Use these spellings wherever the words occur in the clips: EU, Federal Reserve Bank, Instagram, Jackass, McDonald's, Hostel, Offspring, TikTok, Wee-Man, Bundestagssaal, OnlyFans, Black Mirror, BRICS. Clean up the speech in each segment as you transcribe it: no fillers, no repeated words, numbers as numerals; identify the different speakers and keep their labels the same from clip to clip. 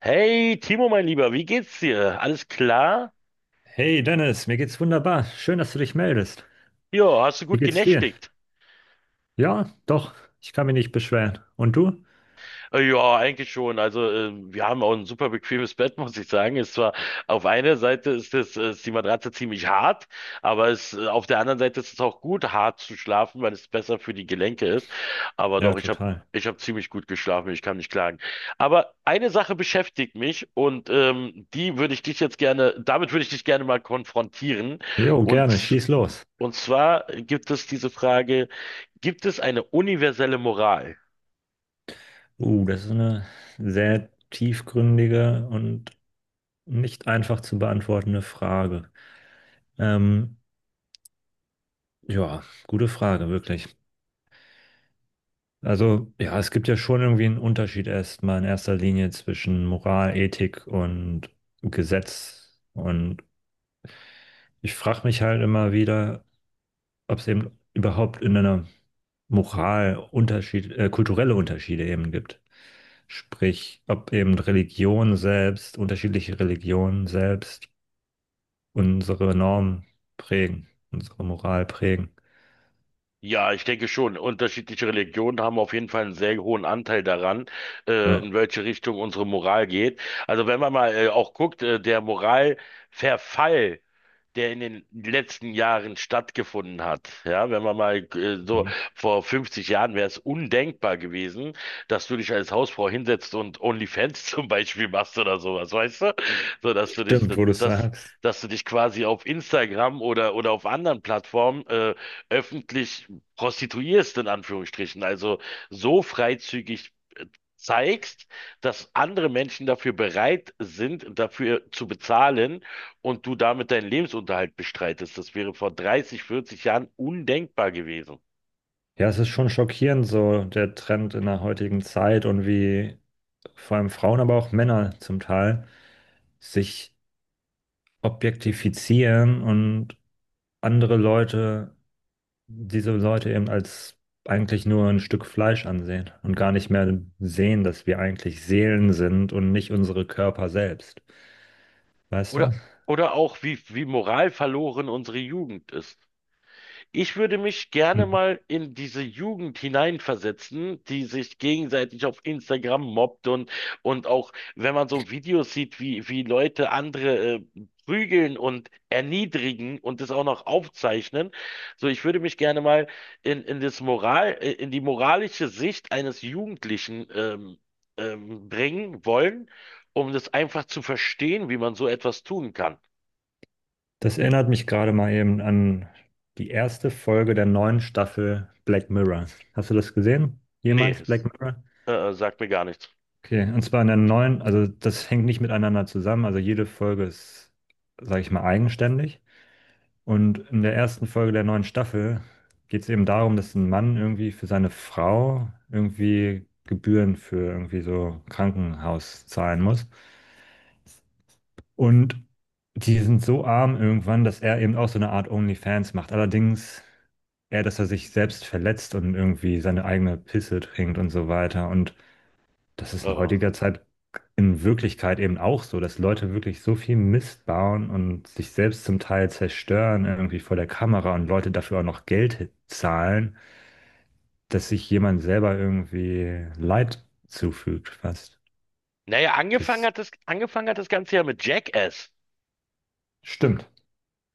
Speaker 1: Hey Timo, mein Lieber, wie geht's dir? Alles klar?
Speaker 2: Hey Dennis, mir geht's wunderbar. Schön, dass du dich meldest.
Speaker 1: Ja, hast du
Speaker 2: Wie
Speaker 1: gut
Speaker 2: geht's dir?
Speaker 1: genächtigt?
Speaker 2: Ja, doch, ich kann mich nicht beschweren. Und du?
Speaker 1: Ja, eigentlich schon. Also wir haben auch ein super bequemes Bett, muss ich sagen. Ist zwar auf einer Seite ist es ist die Matratze ziemlich hart, aber es auf der anderen Seite ist es auch gut, hart zu schlafen, weil es besser für die Gelenke ist. Aber
Speaker 2: Ja,
Speaker 1: doch, ich habe
Speaker 2: total.
Speaker 1: ich habe ziemlich gut geschlafen. Ich kann nicht klagen. Aber eine Sache beschäftigt mich und die würde ich dich jetzt gerne, damit würde ich dich gerne mal konfrontieren.
Speaker 2: Jo, gerne,
Speaker 1: Und
Speaker 2: schieß los.
Speaker 1: Und zwar gibt es diese Frage, gibt es eine universelle Moral?
Speaker 2: Das ist eine sehr tiefgründige und nicht einfach zu beantwortende Frage. Ähm, ja, gute Frage, wirklich. Also, ja, es gibt ja schon irgendwie einen Unterschied erstmal in erster Linie zwischen Moral, Ethik und Gesetz. Und ich frage mich halt immer wieder, ob es eben überhaupt in einer Moral Unterschied, kulturelle Unterschiede eben gibt. Sprich, ob eben Religion selbst, unterschiedliche Religionen selbst unsere Normen prägen, unsere Moral prägen.
Speaker 1: Ja, ich denke schon. Unterschiedliche Religionen haben auf jeden Fall einen sehr hohen Anteil daran,
Speaker 2: Ja,
Speaker 1: in welche Richtung unsere Moral geht. Also wenn man mal auch guckt, der Moralverfall der in den letzten Jahren stattgefunden hat. Ja, wenn man mal so vor 50 Jahren wäre es undenkbar gewesen, dass du dich als Hausfrau hinsetzt und OnlyFans zum Beispiel machst oder sowas, weißt du? So, dass du dich,
Speaker 2: stimmt, wo du es
Speaker 1: dass,
Speaker 2: sagst.
Speaker 1: dass du dich quasi auf Instagram oder auf anderen Plattformen öffentlich prostituierst, in Anführungsstrichen. Also so freizügig zeigst, dass andere Menschen dafür bereit sind, dafür zu bezahlen und du damit deinen Lebensunterhalt bestreitest. Das wäre vor 30, 40 Jahren undenkbar gewesen.
Speaker 2: Ja, es ist schon schockierend, so der Trend in der heutigen Zeit und wie vor allem Frauen, aber auch Männer zum Teil sich objektifizieren und andere Leute diese Leute eben als eigentlich nur ein Stück Fleisch ansehen und gar nicht mehr sehen, dass wir eigentlich Seelen sind und nicht unsere Körper selbst. Weißt
Speaker 1: Oder,
Speaker 2: du?
Speaker 1: oder auch, wie moralverloren unsere Jugend ist. Ich würde mich gerne
Speaker 2: Mhm.
Speaker 1: mal in diese Jugend hineinversetzen, die sich gegenseitig auf Instagram mobbt, und auch wenn man so Videos sieht, wie Leute andere prügeln und erniedrigen und das auch noch aufzeichnen. So, ich würde mich gerne mal in das Moral, in die moralische Sicht eines Jugendlichen bringen wollen, um das einfach zu verstehen, wie man so etwas tun kann.
Speaker 2: Das erinnert mich gerade mal eben an die erste Folge der neuen Staffel Black Mirror. Hast du das gesehen?
Speaker 1: Nee,
Speaker 2: Jemals Black
Speaker 1: es-
Speaker 2: Mirror?
Speaker 1: äh, äh, sagt mir gar nichts.
Speaker 2: Okay, und zwar in der neuen, also das hängt nicht miteinander zusammen, also jede Folge ist, sage ich mal, eigenständig. Und in der ersten Folge der neuen Staffel geht es eben darum, dass ein Mann irgendwie für seine Frau irgendwie Gebühren für irgendwie so Krankenhaus zahlen muss. Und die sind so arm irgendwann, dass er eben auch so eine Art OnlyFans macht. Allerdings eher, dass er sich selbst verletzt und irgendwie seine eigene Pisse trinkt und so weiter. Und das ist in
Speaker 1: Äh.
Speaker 2: heutiger Zeit in Wirklichkeit eben auch so, dass Leute wirklich so viel Mist bauen und sich selbst zum Teil zerstören, irgendwie vor der Kamera und Leute dafür auch noch Geld zahlen, dass sich jemand selber irgendwie Leid zufügt, fast.
Speaker 1: Naja,
Speaker 2: Das
Speaker 1: angefangen hat das Ganze ja mit Jackass.
Speaker 2: stimmt.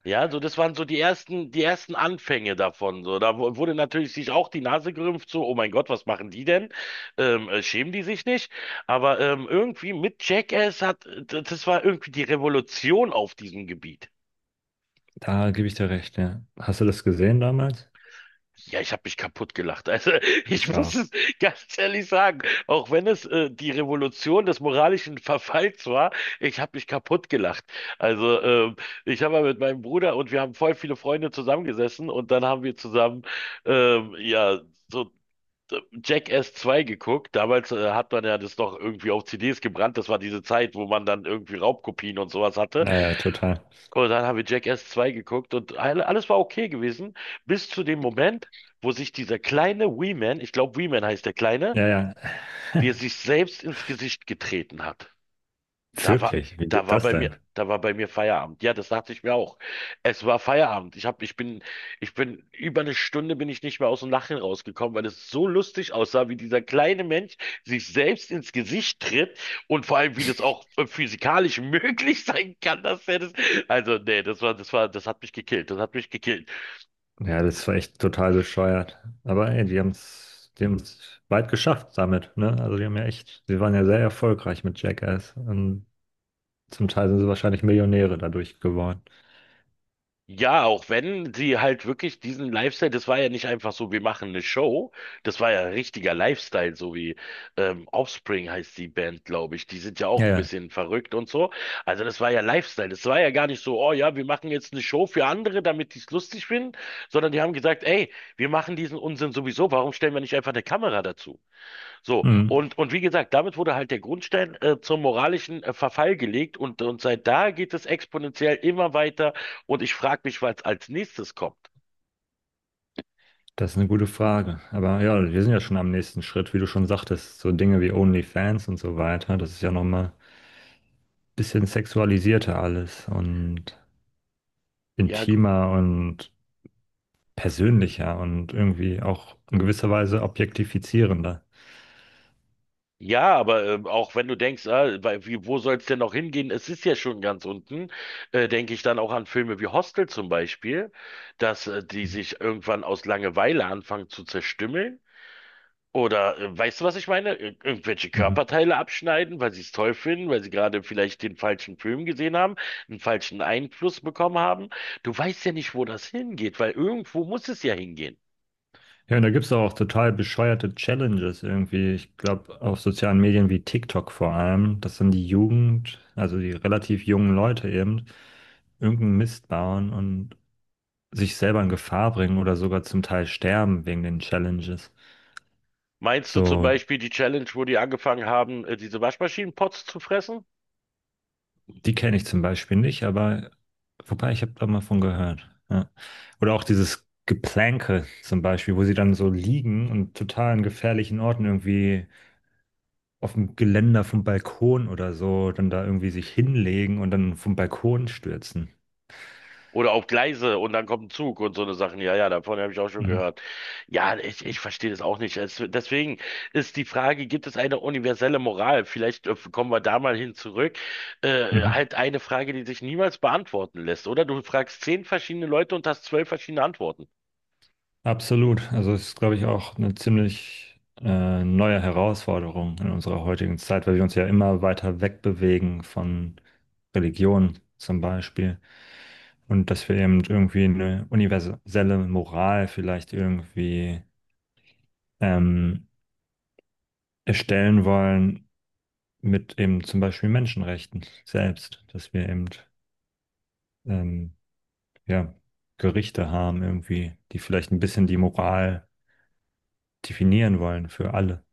Speaker 1: Ja, so das waren so die ersten Anfänge davon. So, da wurde natürlich sich auch die Nase gerümpft, so, oh mein Gott, was machen die denn? Schämen die sich nicht? Aber irgendwie mit Jackass das war irgendwie die Revolution auf diesem Gebiet.
Speaker 2: Da gebe ich dir recht, ja. Hast du das gesehen damals?
Speaker 1: Ja, ich habe mich kaputt gelacht. Also ich
Speaker 2: Ich
Speaker 1: muss
Speaker 2: auch.
Speaker 1: es ganz ehrlich sagen, auch wenn es die Revolution des moralischen Verfalls war, ich habe mich kaputt gelacht. Also ich habe mal mit meinem Bruder und wir haben voll viele Freunde zusammengesessen und dann haben wir zusammen ja so Jackass 2 geguckt. Damals hat man ja das noch irgendwie auf CDs gebrannt. Das war diese Zeit, wo man dann irgendwie Raubkopien und sowas hatte.
Speaker 2: Naja, total.
Speaker 1: Und dann haben wir Jackass 2 geguckt und alles war okay gewesen, bis zu dem Moment, wo sich dieser kleine Wee-Man, ich glaube Wee-Man heißt der Kleine,
Speaker 2: Ja, ja.
Speaker 1: wie er sich selbst ins Gesicht getreten hat. Da war,
Speaker 2: Wirklich, wie geht das denn?
Speaker 1: da war bei mir Feierabend. Ja, das dachte ich mir auch. Es war Feierabend. Ich bin über eine Stunde bin ich nicht mehr aus dem Lachen rausgekommen, weil es so lustig aussah, wie dieser kleine Mensch sich selbst ins Gesicht tritt und vor allem, wie das auch physikalisch möglich sein kann, dass er das, also, nee, das hat mich gekillt. Das hat mich gekillt.
Speaker 2: Ja, das war echt total bescheuert. Aber ey, die haben es weit geschafft damit, ne? Also die haben ja echt, sie waren ja sehr erfolgreich mit Jackass und zum Teil sind sie wahrscheinlich Millionäre dadurch geworden.
Speaker 1: Ja, auch wenn sie halt wirklich diesen Lifestyle, das war ja nicht einfach so, wir machen eine Show, das war ja richtiger Lifestyle, so wie Offspring heißt die Band, glaube ich. Die sind ja auch
Speaker 2: Ja,
Speaker 1: ein
Speaker 2: ja.
Speaker 1: bisschen verrückt und so. Also das war ja Lifestyle, das war ja gar nicht so, oh ja, wir machen jetzt eine Show für andere, damit die es lustig finden, sondern die haben gesagt, ey, wir machen diesen Unsinn sowieso, warum stellen wir nicht einfach eine Kamera dazu?
Speaker 2: Mhm.
Speaker 1: Und wie gesagt, damit wurde halt der Grundstein zum moralischen Verfall gelegt, und seit da geht es exponentiell immer weiter und ich frage mich, was als nächstes kommt.
Speaker 2: Das ist eine gute Frage. Aber ja, wir sind ja schon am nächsten Schritt, wie du schon sagtest, so Dinge wie OnlyFans und so weiter. Das ist ja nochmal ein bisschen sexualisierter alles und
Speaker 1: Ja, gu-
Speaker 2: intimer und persönlicher und irgendwie auch in gewisser Weise objektifizierender.
Speaker 1: ja, aber auch wenn du denkst, ah, wo soll es denn noch hingehen? Es ist ja schon ganz unten, denke ich dann auch an Filme wie Hostel zum Beispiel, dass die sich irgendwann aus Langeweile anfangen zu zerstümmeln. Oder weißt du, was ich meine? Ir Irgendwelche
Speaker 2: Mhm.
Speaker 1: Körperteile abschneiden, weil sie es toll finden, weil sie gerade vielleicht den falschen Film gesehen haben, einen falschen Einfluss bekommen haben. Du weißt ja nicht, wo das hingeht, weil irgendwo muss es ja hingehen.
Speaker 2: Ja, und da gibt es auch total bescheuerte Challenges irgendwie. Ich glaube, auf sozialen Medien wie TikTok vor allem, dass dann die Jugend, also die relativ jungen Leute eben, irgendeinen Mist bauen und sich selber in Gefahr bringen oder sogar zum Teil sterben wegen den Challenges.
Speaker 1: Meinst du zum
Speaker 2: So,
Speaker 1: Beispiel die Challenge, wo die angefangen haben, diese Waschmaschinenpots zu fressen?
Speaker 2: die kenne ich zum Beispiel nicht, aber wobei, ich habe da mal von gehört. Ja. Oder auch dieses Geplänke zum Beispiel, wo sie dann so liegen und total in gefährlichen Orten irgendwie auf dem Geländer vom Balkon oder so, dann da irgendwie sich hinlegen und dann vom Balkon stürzen.
Speaker 1: Oder auf Gleise und dann kommt ein Zug und so eine Sachen. Ja, ja, davon habe ich auch schon
Speaker 2: Mhm.
Speaker 1: gehört. Ja, ich verstehe das auch nicht. Es, deswegen ist die Frage, gibt es eine universelle Moral? Vielleicht kommen wir da mal hin zurück.
Speaker 2: Mhm.
Speaker 1: Halt eine Frage, die sich niemals beantworten lässt, oder? Du fragst zehn verschiedene Leute und hast zwölf verschiedene Antworten.
Speaker 2: Absolut. Also es ist, glaube ich, auch eine ziemlich neue Herausforderung in unserer heutigen Zeit, weil wir uns ja immer weiter wegbewegen von Religion zum Beispiel. Und dass wir eben irgendwie eine universelle Moral vielleicht irgendwie ähm, erstellen wollen mit eben zum Beispiel Menschenrechten selbst, dass wir eben ähm, ja, Gerichte haben irgendwie, die vielleicht ein bisschen die Moral definieren wollen für alle.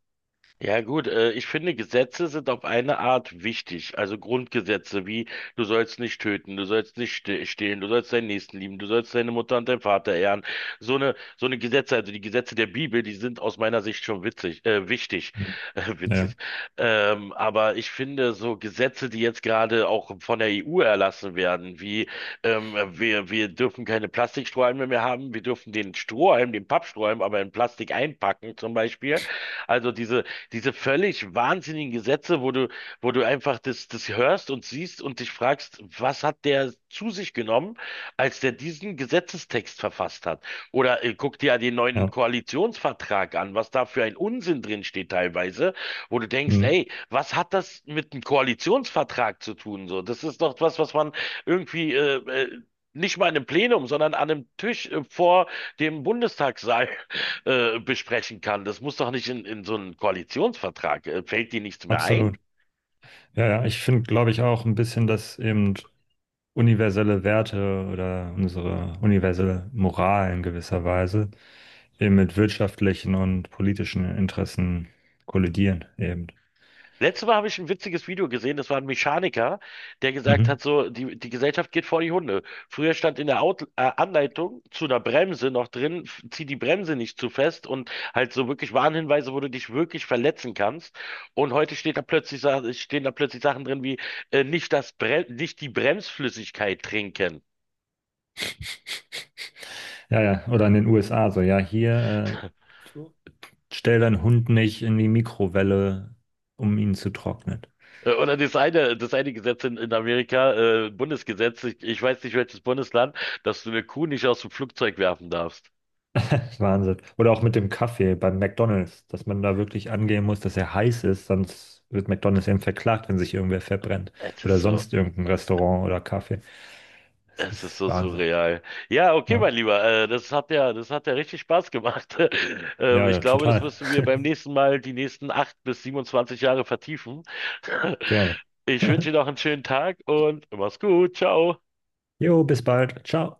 Speaker 1: Ja gut, ich finde, Gesetze sind auf eine Art wichtig. Also Grundgesetze wie, du sollst nicht töten, du sollst nicht stehlen, du sollst deinen Nächsten lieben, du sollst deine Mutter und deinen Vater ehren. So eine Gesetze, also die Gesetze der Bibel, die sind aus meiner Sicht schon witzig, wichtig,
Speaker 2: Mhm.
Speaker 1: witzig.
Speaker 2: Ja,
Speaker 1: Aber ich finde, so Gesetze, die jetzt gerade auch von der EU erlassen werden, wie wir dürfen keine Plastikstrohhalme mehr haben, wir dürfen den Strohhalm, den Pappstrohhalm, aber in Plastik einpacken zum Beispiel. Also diese völlig wahnsinnigen Gesetze, wo du einfach das hörst und siehst und dich fragst, was hat der zu sich genommen, als der diesen Gesetzestext verfasst hat? Oder guck dir ja den neuen
Speaker 2: ja,
Speaker 1: Koalitionsvertrag an, was da für ein Unsinn drin steht teilweise, wo du denkst,
Speaker 2: mhm,
Speaker 1: ey, was hat das mit einem Koalitionsvertrag zu tun? So, das ist doch was, was man irgendwie nicht mal in einem Plenum, sondern an einem Tisch vor dem Bundestagssaal besprechen kann. Das muss doch nicht in so einen Koalitionsvertrag. Fällt dir nichts mehr ein?
Speaker 2: absolut. Ja, ja, ich finde, glaube ich, auch ein bisschen, dass eben universelle Werte oder unsere universelle Moral in gewisser Weise eben mit wirtschaftlichen und politischen Interessen kollidieren eben.
Speaker 1: Letztes Mal habe ich ein witziges Video gesehen, das war ein Mechaniker, der gesagt
Speaker 2: Mhm.
Speaker 1: hat, so, die Gesellschaft geht vor die Hunde. Früher stand in der Out Anleitung zu einer Bremse noch drin, zieh die Bremse nicht zu fest, und halt so wirklich Warnhinweise, wo du dich wirklich verletzen kannst. Und heute steht da plötzlich, stehen da plötzlich Sachen drin wie, nicht das Bre nicht die Bremsflüssigkeit trinken.
Speaker 2: Ja, ja, oder in den USA so, ja, hier äh, stell deinen Hund nicht in die Mikrowelle, um ihn zu trocknen.
Speaker 1: Oder das eine Gesetz in Amerika, Bundesgesetz, ich weiß nicht welches Bundesland, dass du eine Kuh nicht aus dem Flugzeug werfen darfst.
Speaker 2: Wahnsinn. Oder auch mit dem Kaffee beim McDonald's, dass man da wirklich angehen muss, dass er heiß ist, sonst wird McDonald's eben verklagt, wenn sich irgendwer verbrennt.
Speaker 1: Es ist
Speaker 2: Oder
Speaker 1: so.
Speaker 2: sonst irgendein Restaurant oder Kaffee. Das
Speaker 1: Es ist so
Speaker 2: ist Wahnsinn.
Speaker 1: surreal. Ja, okay,
Speaker 2: Ja,
Speaker 1: mein Lieber, das hat ja richtig Spaß gemacht.
Speaker 2: ja,
Speaker 1: Ich
Speaker 2: ja,
Speaker 1: glaube, das
Speaker 2: total.
Speaker 1: müssen wir beim nächsten Mal die nächsten acht bis 27 Jahre vertiefen.
Speaker 2: Gerne.
Speaker 1: Ich wünsche dir noch einen schönen Tag und mach's gut. Ciao.
Speaker 2: Jo, bis bald. Ciao.